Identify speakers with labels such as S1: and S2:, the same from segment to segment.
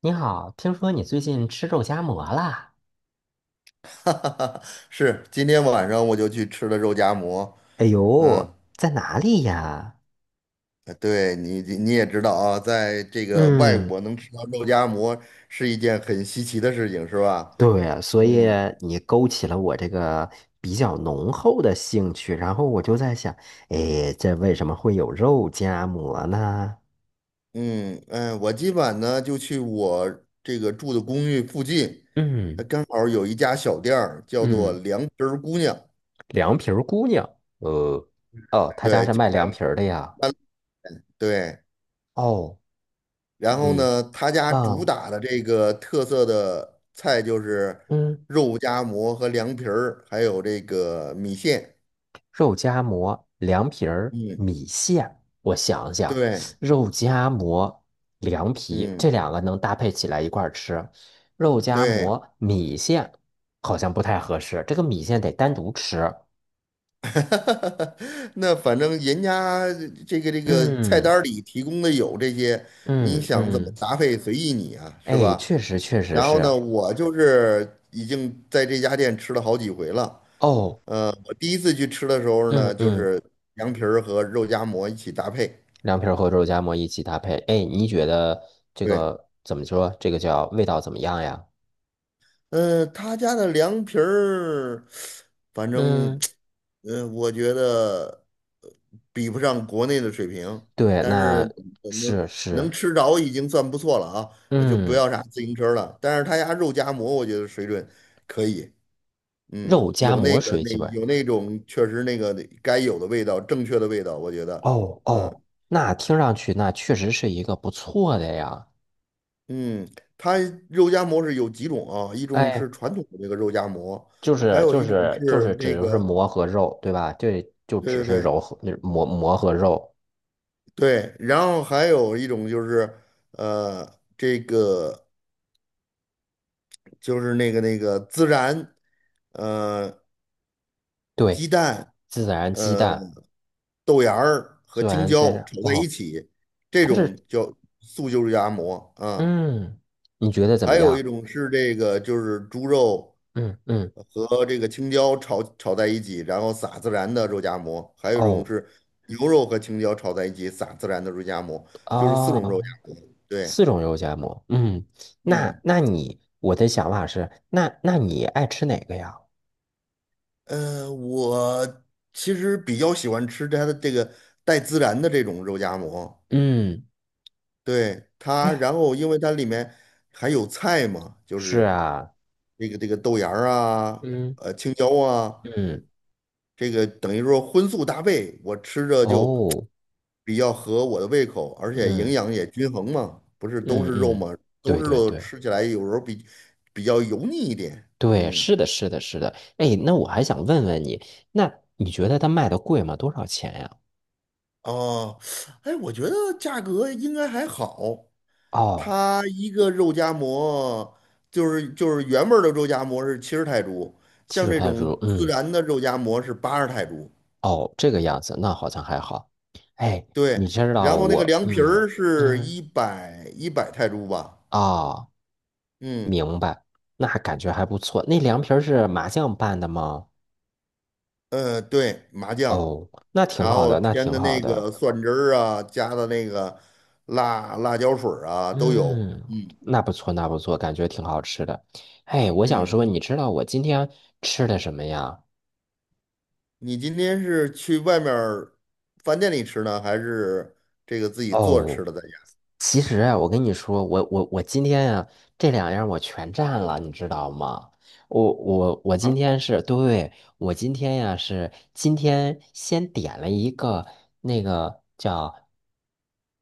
S1: 你好，听说你最近吃肉夹馍啦？
S2: 哈哈哈，是，今天晚上我就去吃了肉夹馍。
S1: 哎
S2: 嗯，
S1: 呦，在哪里呀？
S2: 哎对你也知道啊，在这个外
S1: 嗯，
S2: 国能吃到肉夹馍是一件很稀奇的事情，是吧？
S1: 对啊，所以
S2: 嗯
S1: 你勾起了我这个比较浓厚的兴趣，然后我就在想，哎，这为什么会有肉夹馍呢？
S2: 嗯嗯，我今晚呢就去我这个住的公寓附近，它
S1: 嗯
S2: 刚好有一家小店儿叫做
S1: 嗯，
S2: “凉皮儿姑娘"，
S1: 凉皮儿姑娘，呃，哦，他家
S2: 对，
S1: 是
S2: 就
S1: 卖
S2: 在
S1: 凉皮儿的呀。
S2: 三对。
S1: 哦，
S2: 然后
S1: 你，
S2: 呢，他家主
S1: 哦，
S2: 打的这个特色的菜就是
S1: 嗯。
S2: 肉夹馍和凉皮儿，还有这个米线。
S1: 肉夹馍、凉皮儿、
S2: 嗯，
S1: 米线。我想想，
S2: 对，
S1: 肉夹馍、凉皮这
S2: 嗯，
S1: 两个能搭配起来一块儿吃，肉夹
S2: 对，
S1: 馍、米线好像不太合适，这个米线得单独吃。
S2: 那反正人家这个菜
S1: 嗯
S2: 单儿里提供的有这些，你
S1: 嗯
S2: 想怎么
S1: 嗯，
S2: 搭配随意你啊，是
S1: 哎，
S2: 吧？
S1: 确实确实
S2: 然后呢，
S1: 是。
S2: 我就是已经在这家店吃了好几回了。
S1: 哦，
S2: 我第一次去吃的时候呢，
S1: 嗯
S2: 就
S1: 嗯，
S2: 是凉皮儿和肉夹馍一起搭配。
S1: 凉皮儿和肉夹馍一起搭配，哎，你觉得这
S2: 对。
S1: 个怎么说？这个叫味道怎么样呀？
S2: 他家的凉皮儿，反正，
S1: 嗯，
S2: 我觉得呃比不上国内的水平，
S1: 对，
S2: 但
S1: 那
S2: 是
S1: 是
S2: 能
S1: 是。
S2: 吃着已经算不错了啊，那就不
S1: 嗯
S2: 要啥自行车了。但是他家肉夹馍，我觉得水准可以，嗯，
S1: 肉夹
S2: 有那
S1: 馍
S2: 个
S1: 水
S2: 那
S1: 基本。
S2: 有那种确实那个该有的味道，正确的味道，我觉得，
S1: 哦
S2: 嗯
S1: 哦，那听上去那确实是一个不错的呀。
S2: 嗯，他肉夹馍是有几种啊，一种是
S1: 哎，
S2: 传统的那个肉夹馍。
S1: 就
S2: 还
S1: 是
S2: 有
S1: 就
S2: 一种
S1: 是就
S2: 是
S1: 是
S2: 那
S1: 只就是
S2: 个
S1: 馍和肉，对吧？对，就只
S2: 对对
S1: 是
S2: 对
S1: 揉和那馍馍和肉。
S2: 对，然后还有一种就是，这个就是那个孜然，呃，鸡
S1: 对，
S2: 蛋，
S1: 孜然鸡
S2: 呃，
S1: 蛋，
S2: 豆芽儿和
S1: 孜
S2: 青
S1: 然鸡
S2: 椒
S1: 蛋。
S2: 炒在一
S1: 哦，
S2: 起，这
S1: 它
S2: 种
S1: 是
S2: 叫素就是夹馍啊。
S1: 嗯，你觉得怎么
S2: 还有
S1: 样？
S2: 一种是这个就是猪肉
S1: 嗯嗯。
S2: 和这个青椒炒在一起，然后撒孜然的肉夹馍。还有一种
S1: 哦
S2: 是牛肉和青椒炒在一起撒孜然的肉夹馍，就是四种肉
S1: 啊，
S2: 夹馍。对，
S1: 四种肉夹馍。嗯，那
S2: 嗯。
S1: 那你我的想法是，那那你爱吃哪个呀？
S2: 我其实比较喜欢吃它的这个带孜然的这种肉夹馍，
S1: 嗯，
S2: 对它，
S1: 哎，
S2: 然后因为它里面还有菜嘛，就
S1: 是
S2: 是
S1: 啊。
S2: 这个豆芽儿啊，
S1: 嗯。
S2: 青椒啊，
S1: 嗯，
S2: 这个等于说荤素搭配，我吃着就
S1: 哦，
S2: 比较合我的胃口，而且营
S1: 嗯
S2: 养也均衡嘛，不是都
S1: 嗯
S2: 是肉
S1: 嗯，
S2: 嘛，都
S1: 对
S2: 是
S1: 对
S2: 肉，
S1: 对
S2: 吃起来有时候比较油腻一点，
S1: 对，
S2: 嗯，
S1: 是的，是的，是的。哎，那我还想问问你，那你觉得它卖的贵吗？多少钱呀？
S2: 哦，哎，我觉得价格应该还好。
S1: 哦，
S2: 它一个肉夹馍就是原味儿的肉夹馍是70泰铢，
S1: 其
S2: 像
S1: 实
S2: 这
S1: 他说，
S2: 种孜
S1: 嗯，
S2: 然的肉夹馍是80泰铢。
S1: 哦，这个样子，那好像还好。哎，
S2: 对，
S1: 你知道
S2: 然后那个
S1: 我，
S2: 凉皮
S1: 嗯
S2: 儿是
S1: 嗯，
S2: 一百泰铢吧？
S1: 哦，
S2: 嗯
S1: 明白，那感觉还不错。那凉皮儿是麻酱拌的吗？
S2: 对，麻酱，
S1: 哦，那挺
S2: 然
S1: 好
S2: 后
S1: 的，那
S2: 添
S1: 挺
S2: 的
S1: 好
S2: 那
S1: 的。
S2: 个蒜汁儿啊，加的那个辣椒水儿啊都有。
S1: 嗯，
S2: 嗯
S1: 那不错，那不错，感觉挺好吃的。哎，我想
S2: 嗯，
S1: 说，你知道我今天吃的什么呀？
S2: 你今天是去外面儿饭店里吃呢，还是这个自己做着
S1: 哦。
S2: 吃的在家
S1: 其实啊，我跟你说，我今天呀，这两样我全占了，你知道吗？我今
S2: 啊？
S1: 天是对，我今天呀、是今天先点了一个那个叫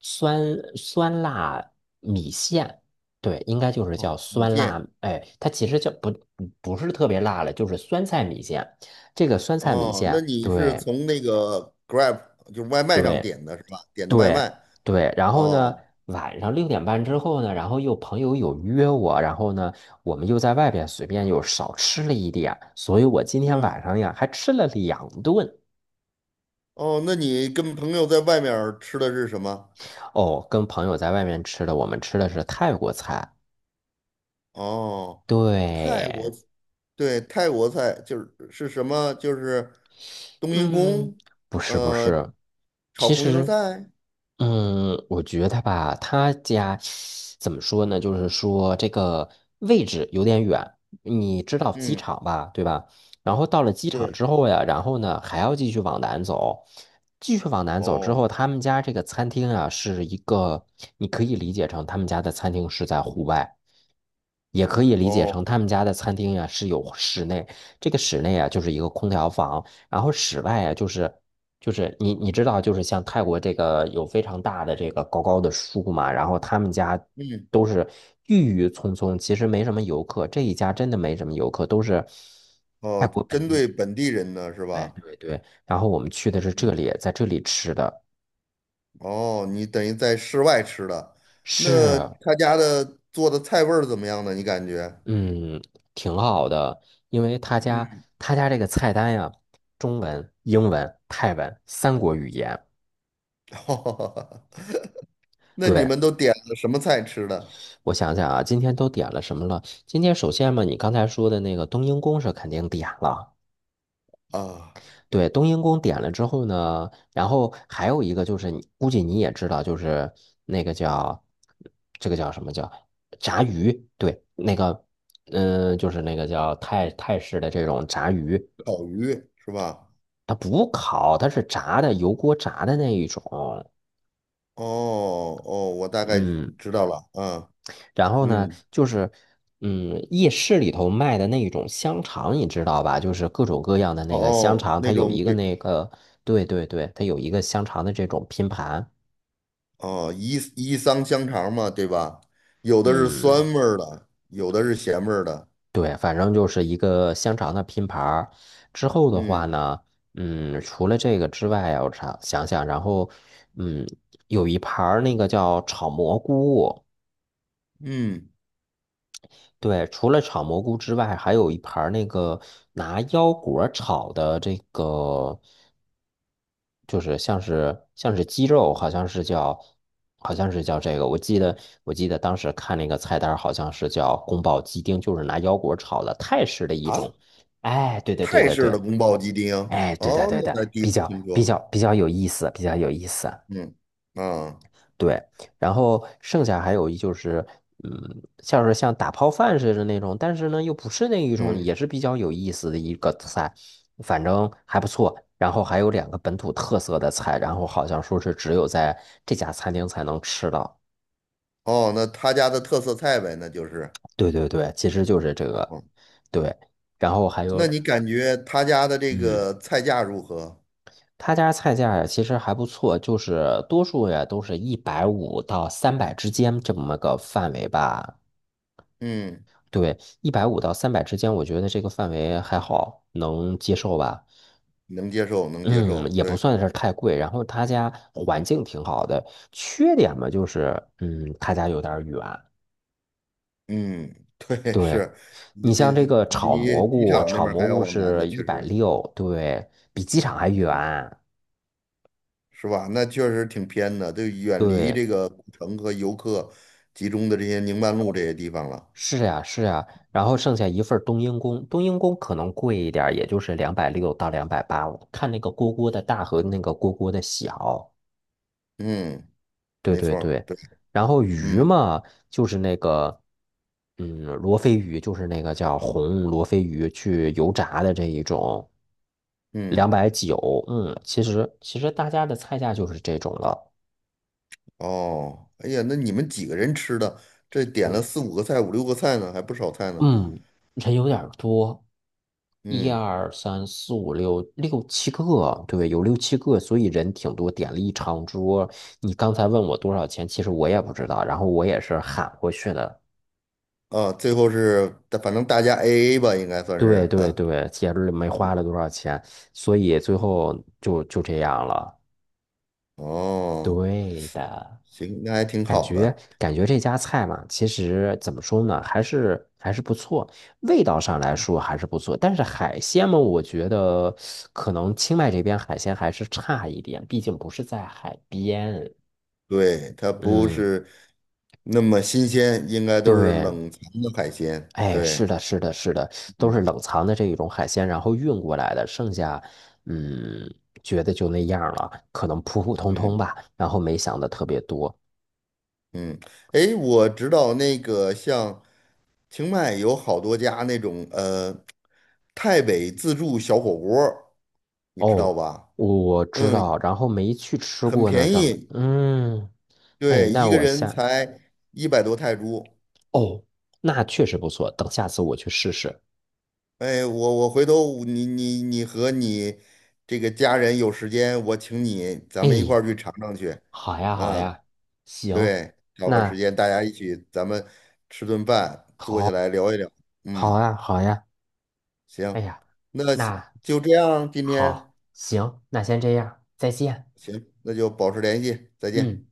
S1: 酸酸辣米线，对，应该就是叫
S2: 哦，米
S1: 酸
S2: 线。
S1: 辣，哎，它其实叫不是特别辣了，就是酸菜米线。这个酸菜米
S2: 哦，那
S1: 线，
S2: 你是
S1: 对
S2: 从那个 Grab 就是外卖上
S1: 对。
S2: 点的是吧？点的外
S1: 对
S2: 卖。
S1: 对，然后呢，
S2: 哦，
S1: 晚上6:30之后呢，然后又朋友有约我，然后呢，我们又在外边随便又少吃了一点，所以我今天
S2: 嗯，
S1: 晚上呀还吃了两顿
S2: 哦，那你跟朋友在外面儿吃的是什么？
S1: 哦，跟朋友在外面吃的，我们吃的是泰国菜，
S2: 哦，泰国，
S1: 对，
S2: 对，泰国菜就是是什么？就是冬阴
S1: 嗯，
S2: 功，
S1: 不是不
S2: 呃，
S1: 是，
S2: 炒
S1: 其
S2: 红油
S1: 实，
S2: 菜。
S1: 嗯，我觉得吧，他家怎么说呢？就是说这个位置有点远，你知道机
S2: 嗯，
S1: 场吧，对吧？然后到了机场
S2: 对。
S1: 之后呀，然后呢还要继续往南走，继续往南走之
S2: 哦，
S1: 后，他们家这个餐厅啊是一个，你可以理解成他们家的餐厅是在户外，也可以理解
S2: 哦，
S1: 成他们家的餐厅呀是有室内，这个室内啊就是一个空调房。然后室外啊，就是你知道，就是像泰国这个有非常大的这个高高的树嘛，然后他们家
S2: 嗯，
S1: 都是郁郁葱葱，其实没什么游客，这一家真的没什么游客，都是泰
S2: 哦，
S1: 国本
S2: 针
S1: 地。
S2: 对本地人的是
S1: 对
S2: 吧？
S1: 对对，然后我们去的是这
S2: 嗯。
S1: 里，在这里吃的
S2: 哦，你等于在室外吃的，那
S1: 是
S2: 他家的做的菜味儿怎么样呢？你感觉？
S1: 嗯挺好的，因为
S2: 嗯，
S1: 他家这个菜单呀，中文、英文、泰文三国语言。
S2: 那你
S1: 对，
S2: 们都点了什么菜吃的
S1: 我想想啊，今天都点了什么了？今天首先嘛，你刚才说的那个冬阴功是肯定点了。
S2: 啊？
S1: 对，冬阴功点了之后呢，然后还有一个就是你，估计你也知道，就是那个叫这个叫什么叫炸鱼？对，那个就是那个叫泰式的这种炸鱼，
S2: 烤鱼是吧？
S1: 它不烤，它是炸的，油锅炸的那一种。
S2: 哦哦，我大概
S1: 嗯。
S2: 知道了，啊，
S1: 然后呢，
S2: 嗯，
S1: 就是，嗯，夜市里头卖的那种香肠，你知道吧？就是各种各样的
S2: 哦
S1: 那个香
S2: 哦，
S1: 肠，它
S2: 那
S1: 有
S2: 种
S1: 一个
S2: 就
S1: 那个，对对对，它有一个香肠的这种拼盘。
S2: 哦伊伊桑香肠嘛，对吧？有的是酸
S1: 嗯，
S2: 味儿的，有的是咸味儿的，
S1: 对，反正就是一个香肠的拼盘儿之后的话
S2: 嗯
S1: 呢，嗯，除了这个之外啊，我想想，然后，嗯，有一盘儿那个叫炒蘑菇。
S2: 嗯，
S1: 对，除了炒蘑菇之外，还有一盘儿那个拿腰果儿炒的这个，就是像是鸡肉，好像是叫这个，我记得当时看那个菜单儿好像是叫宫保鸡丁，就是拿腰果炒的泰式的一
S2: 啊，
S1: 种。哎，对对对
S2: 泰
S1: 对
S2: 式的
S1: 对，
S2: 宫保鸡丁，
S1: 哎，对的
S2: 哦，
S1: 对
S2: 那
S1: 的，
S2: 才第一
S1: 比
S2: 次
S1: 较
S2: 听
S1: 比
S2: 说。
S1: 较比较有意思，比较有意思。
S2: 嗯啊
S1: 对，然后剩下还有一就是，嗯，像是像打泡饭似的那种，但是呢又不是那一种，
S2: 嗯
S1: 也是比较有意思的一个菜，反正还不错。然后还有两个本土特色的菜，然后好像说是只有在这家餐厅才能吃到。
S2: 哦，那他家的特色菜呗，那就是
S1: 对对对，其实就是这个，
S2: 哦。
S1: 对。然后还
S2: 那
S1: 有，
S2: 你感觉他家的这
S1: 嗯，
S2: 个菜价如何？
S1: 他家菜价呀其实还不错，就是多数呀都是一百五到三百之间这么个范围吧。
S2: 嗯，
S1: 对，一百五到三百之间，我觉得这个范围还好，能接受吧。
S2: 能接受，能接
S1: 嗯，
S2: 受。
S1: 也
S2: 对，
S1: 不算是太贵。然后他家环境挺好的，缺点嘛就是，嗯，他家有点儿远。
S2: 嗯，对，
S1: 对，
S2: 是你
S1: 你
S2: 这
S1: 像这
S2: 这
S1: 个炒
S2: 离
S1: 蘑
S2: 机
S1: 菇，
S2: 场那
S1: 炒
S2: 边儿
S1: 蘑
S2: 还要
S1: 菇
S2: 往南的，
S1: 是一
S2: 确
S1: 百
S2: 实，
S1: 六，对，比机场还
S2: 嗯，
S1: 远。
S2: 是吧？那确实挺偏的，就远离
S1: 对，
S2: 这个古城和游客集中的这些宁曼路这些地方了。
S1: 是呀，是呀。然后剩下一份儿冬阴功，冬阴功可能贵一点儿也就是260到280，看那个锅锅的大和那个锅锅的小。
S2: 嗯，
S1: 对
S2: 没
S1: 对
S2: 错儿，
S1: 对，
S2: 对，
S1: 然后鱼
S2: 嗯
S1: 嘛，就是那个，嗯，罗非鱼，就是那个叫红罗非鱼，去油炸的这一种，两
S2: 嗯。
S1: 百九，嗯，其实大家的菜价就是这种了，
S2: 哦，哎呀，那你们几个人吃的？这点了
S1: 哦，
S2: 四五个菜，五六个菜呢，还不少菜呢。
S1: 嗯，人有点儿多，一
S2: 嗯，
S1: 二三四五六六七个，对，有六七个，所以人挺多，点了一长桌。你刚才问我多少钱，其实我也不知道，然后我也是喊过去的。
S2: 啊，最后是，反正大家 AA 吧，应该算
S1: 对
S2: 是
S1: 对
S2: 啊。
S1: 对，节日没花了多少钱，所以最后就这样了。
S2: 哦，
S1: 对的，
S2: 行，那还挺好的。
S1: 感觉这家菜嘛，其实怎么说呢，还是不错，味道上来说还是不错。但是海鲜嘛，我觉得可能清迈这边海鲜还是差一点，毕竟不是在海边。
S2: 对，它不
S1: 嗯，
S2: 是那么新鲜，应该都是
S1: 对。
S2: 冷藏的海鲜。
S1: 哎，是
S2: 对，
S1: 的，是的，是的，都是
S2: 嗯
S1: 冷藏的这一种海鲜，然后运过来的，剩下，嗯，觉得就那样了，可能普普通通
S2: 嗯
S1: 吧，然后没想的特别多。
S2: 嗯。哎，我知道那个像清迈有好多家那种泰北自助小火锅儿你知道
S1: 哦，
S2: 吧？
S1: 我知
S2: 嗯，
S1: 道，然后没去吃
S2: 很
S1: 过呢。
S2: 便
S1: 等，
S2: 宜，
S1: 嗯，哎，
S2: 对，
S1: 那
S2: 一个
S1: 我
S2: 人
S1: 下，
S2: 才100多泰铢。
S1: 哦，那确实不错，等下次我去试试。
S2: 哎，我回头你和你这个家人有时间，我请你，咱们一
S1: 哎，
S2: 块儿去尝尝去。
S1: 好呀，好
S2: 嗯，
S1: 呀，行，
S2: 对，找个时
S1: 那
S2: 间大家一起，咱们吃顿饭，坐下
S1: 好，
S2: 来聊一聊。嗯，
S1: 好呀，好呀，哎
S2: 行，
S1: 呀，
S2: 那
S1: 那
S2: 就这样，今天
S1: 好，行，那先这样，再见。
S2: 行，那就保持联系，再见。
S1: 嗯，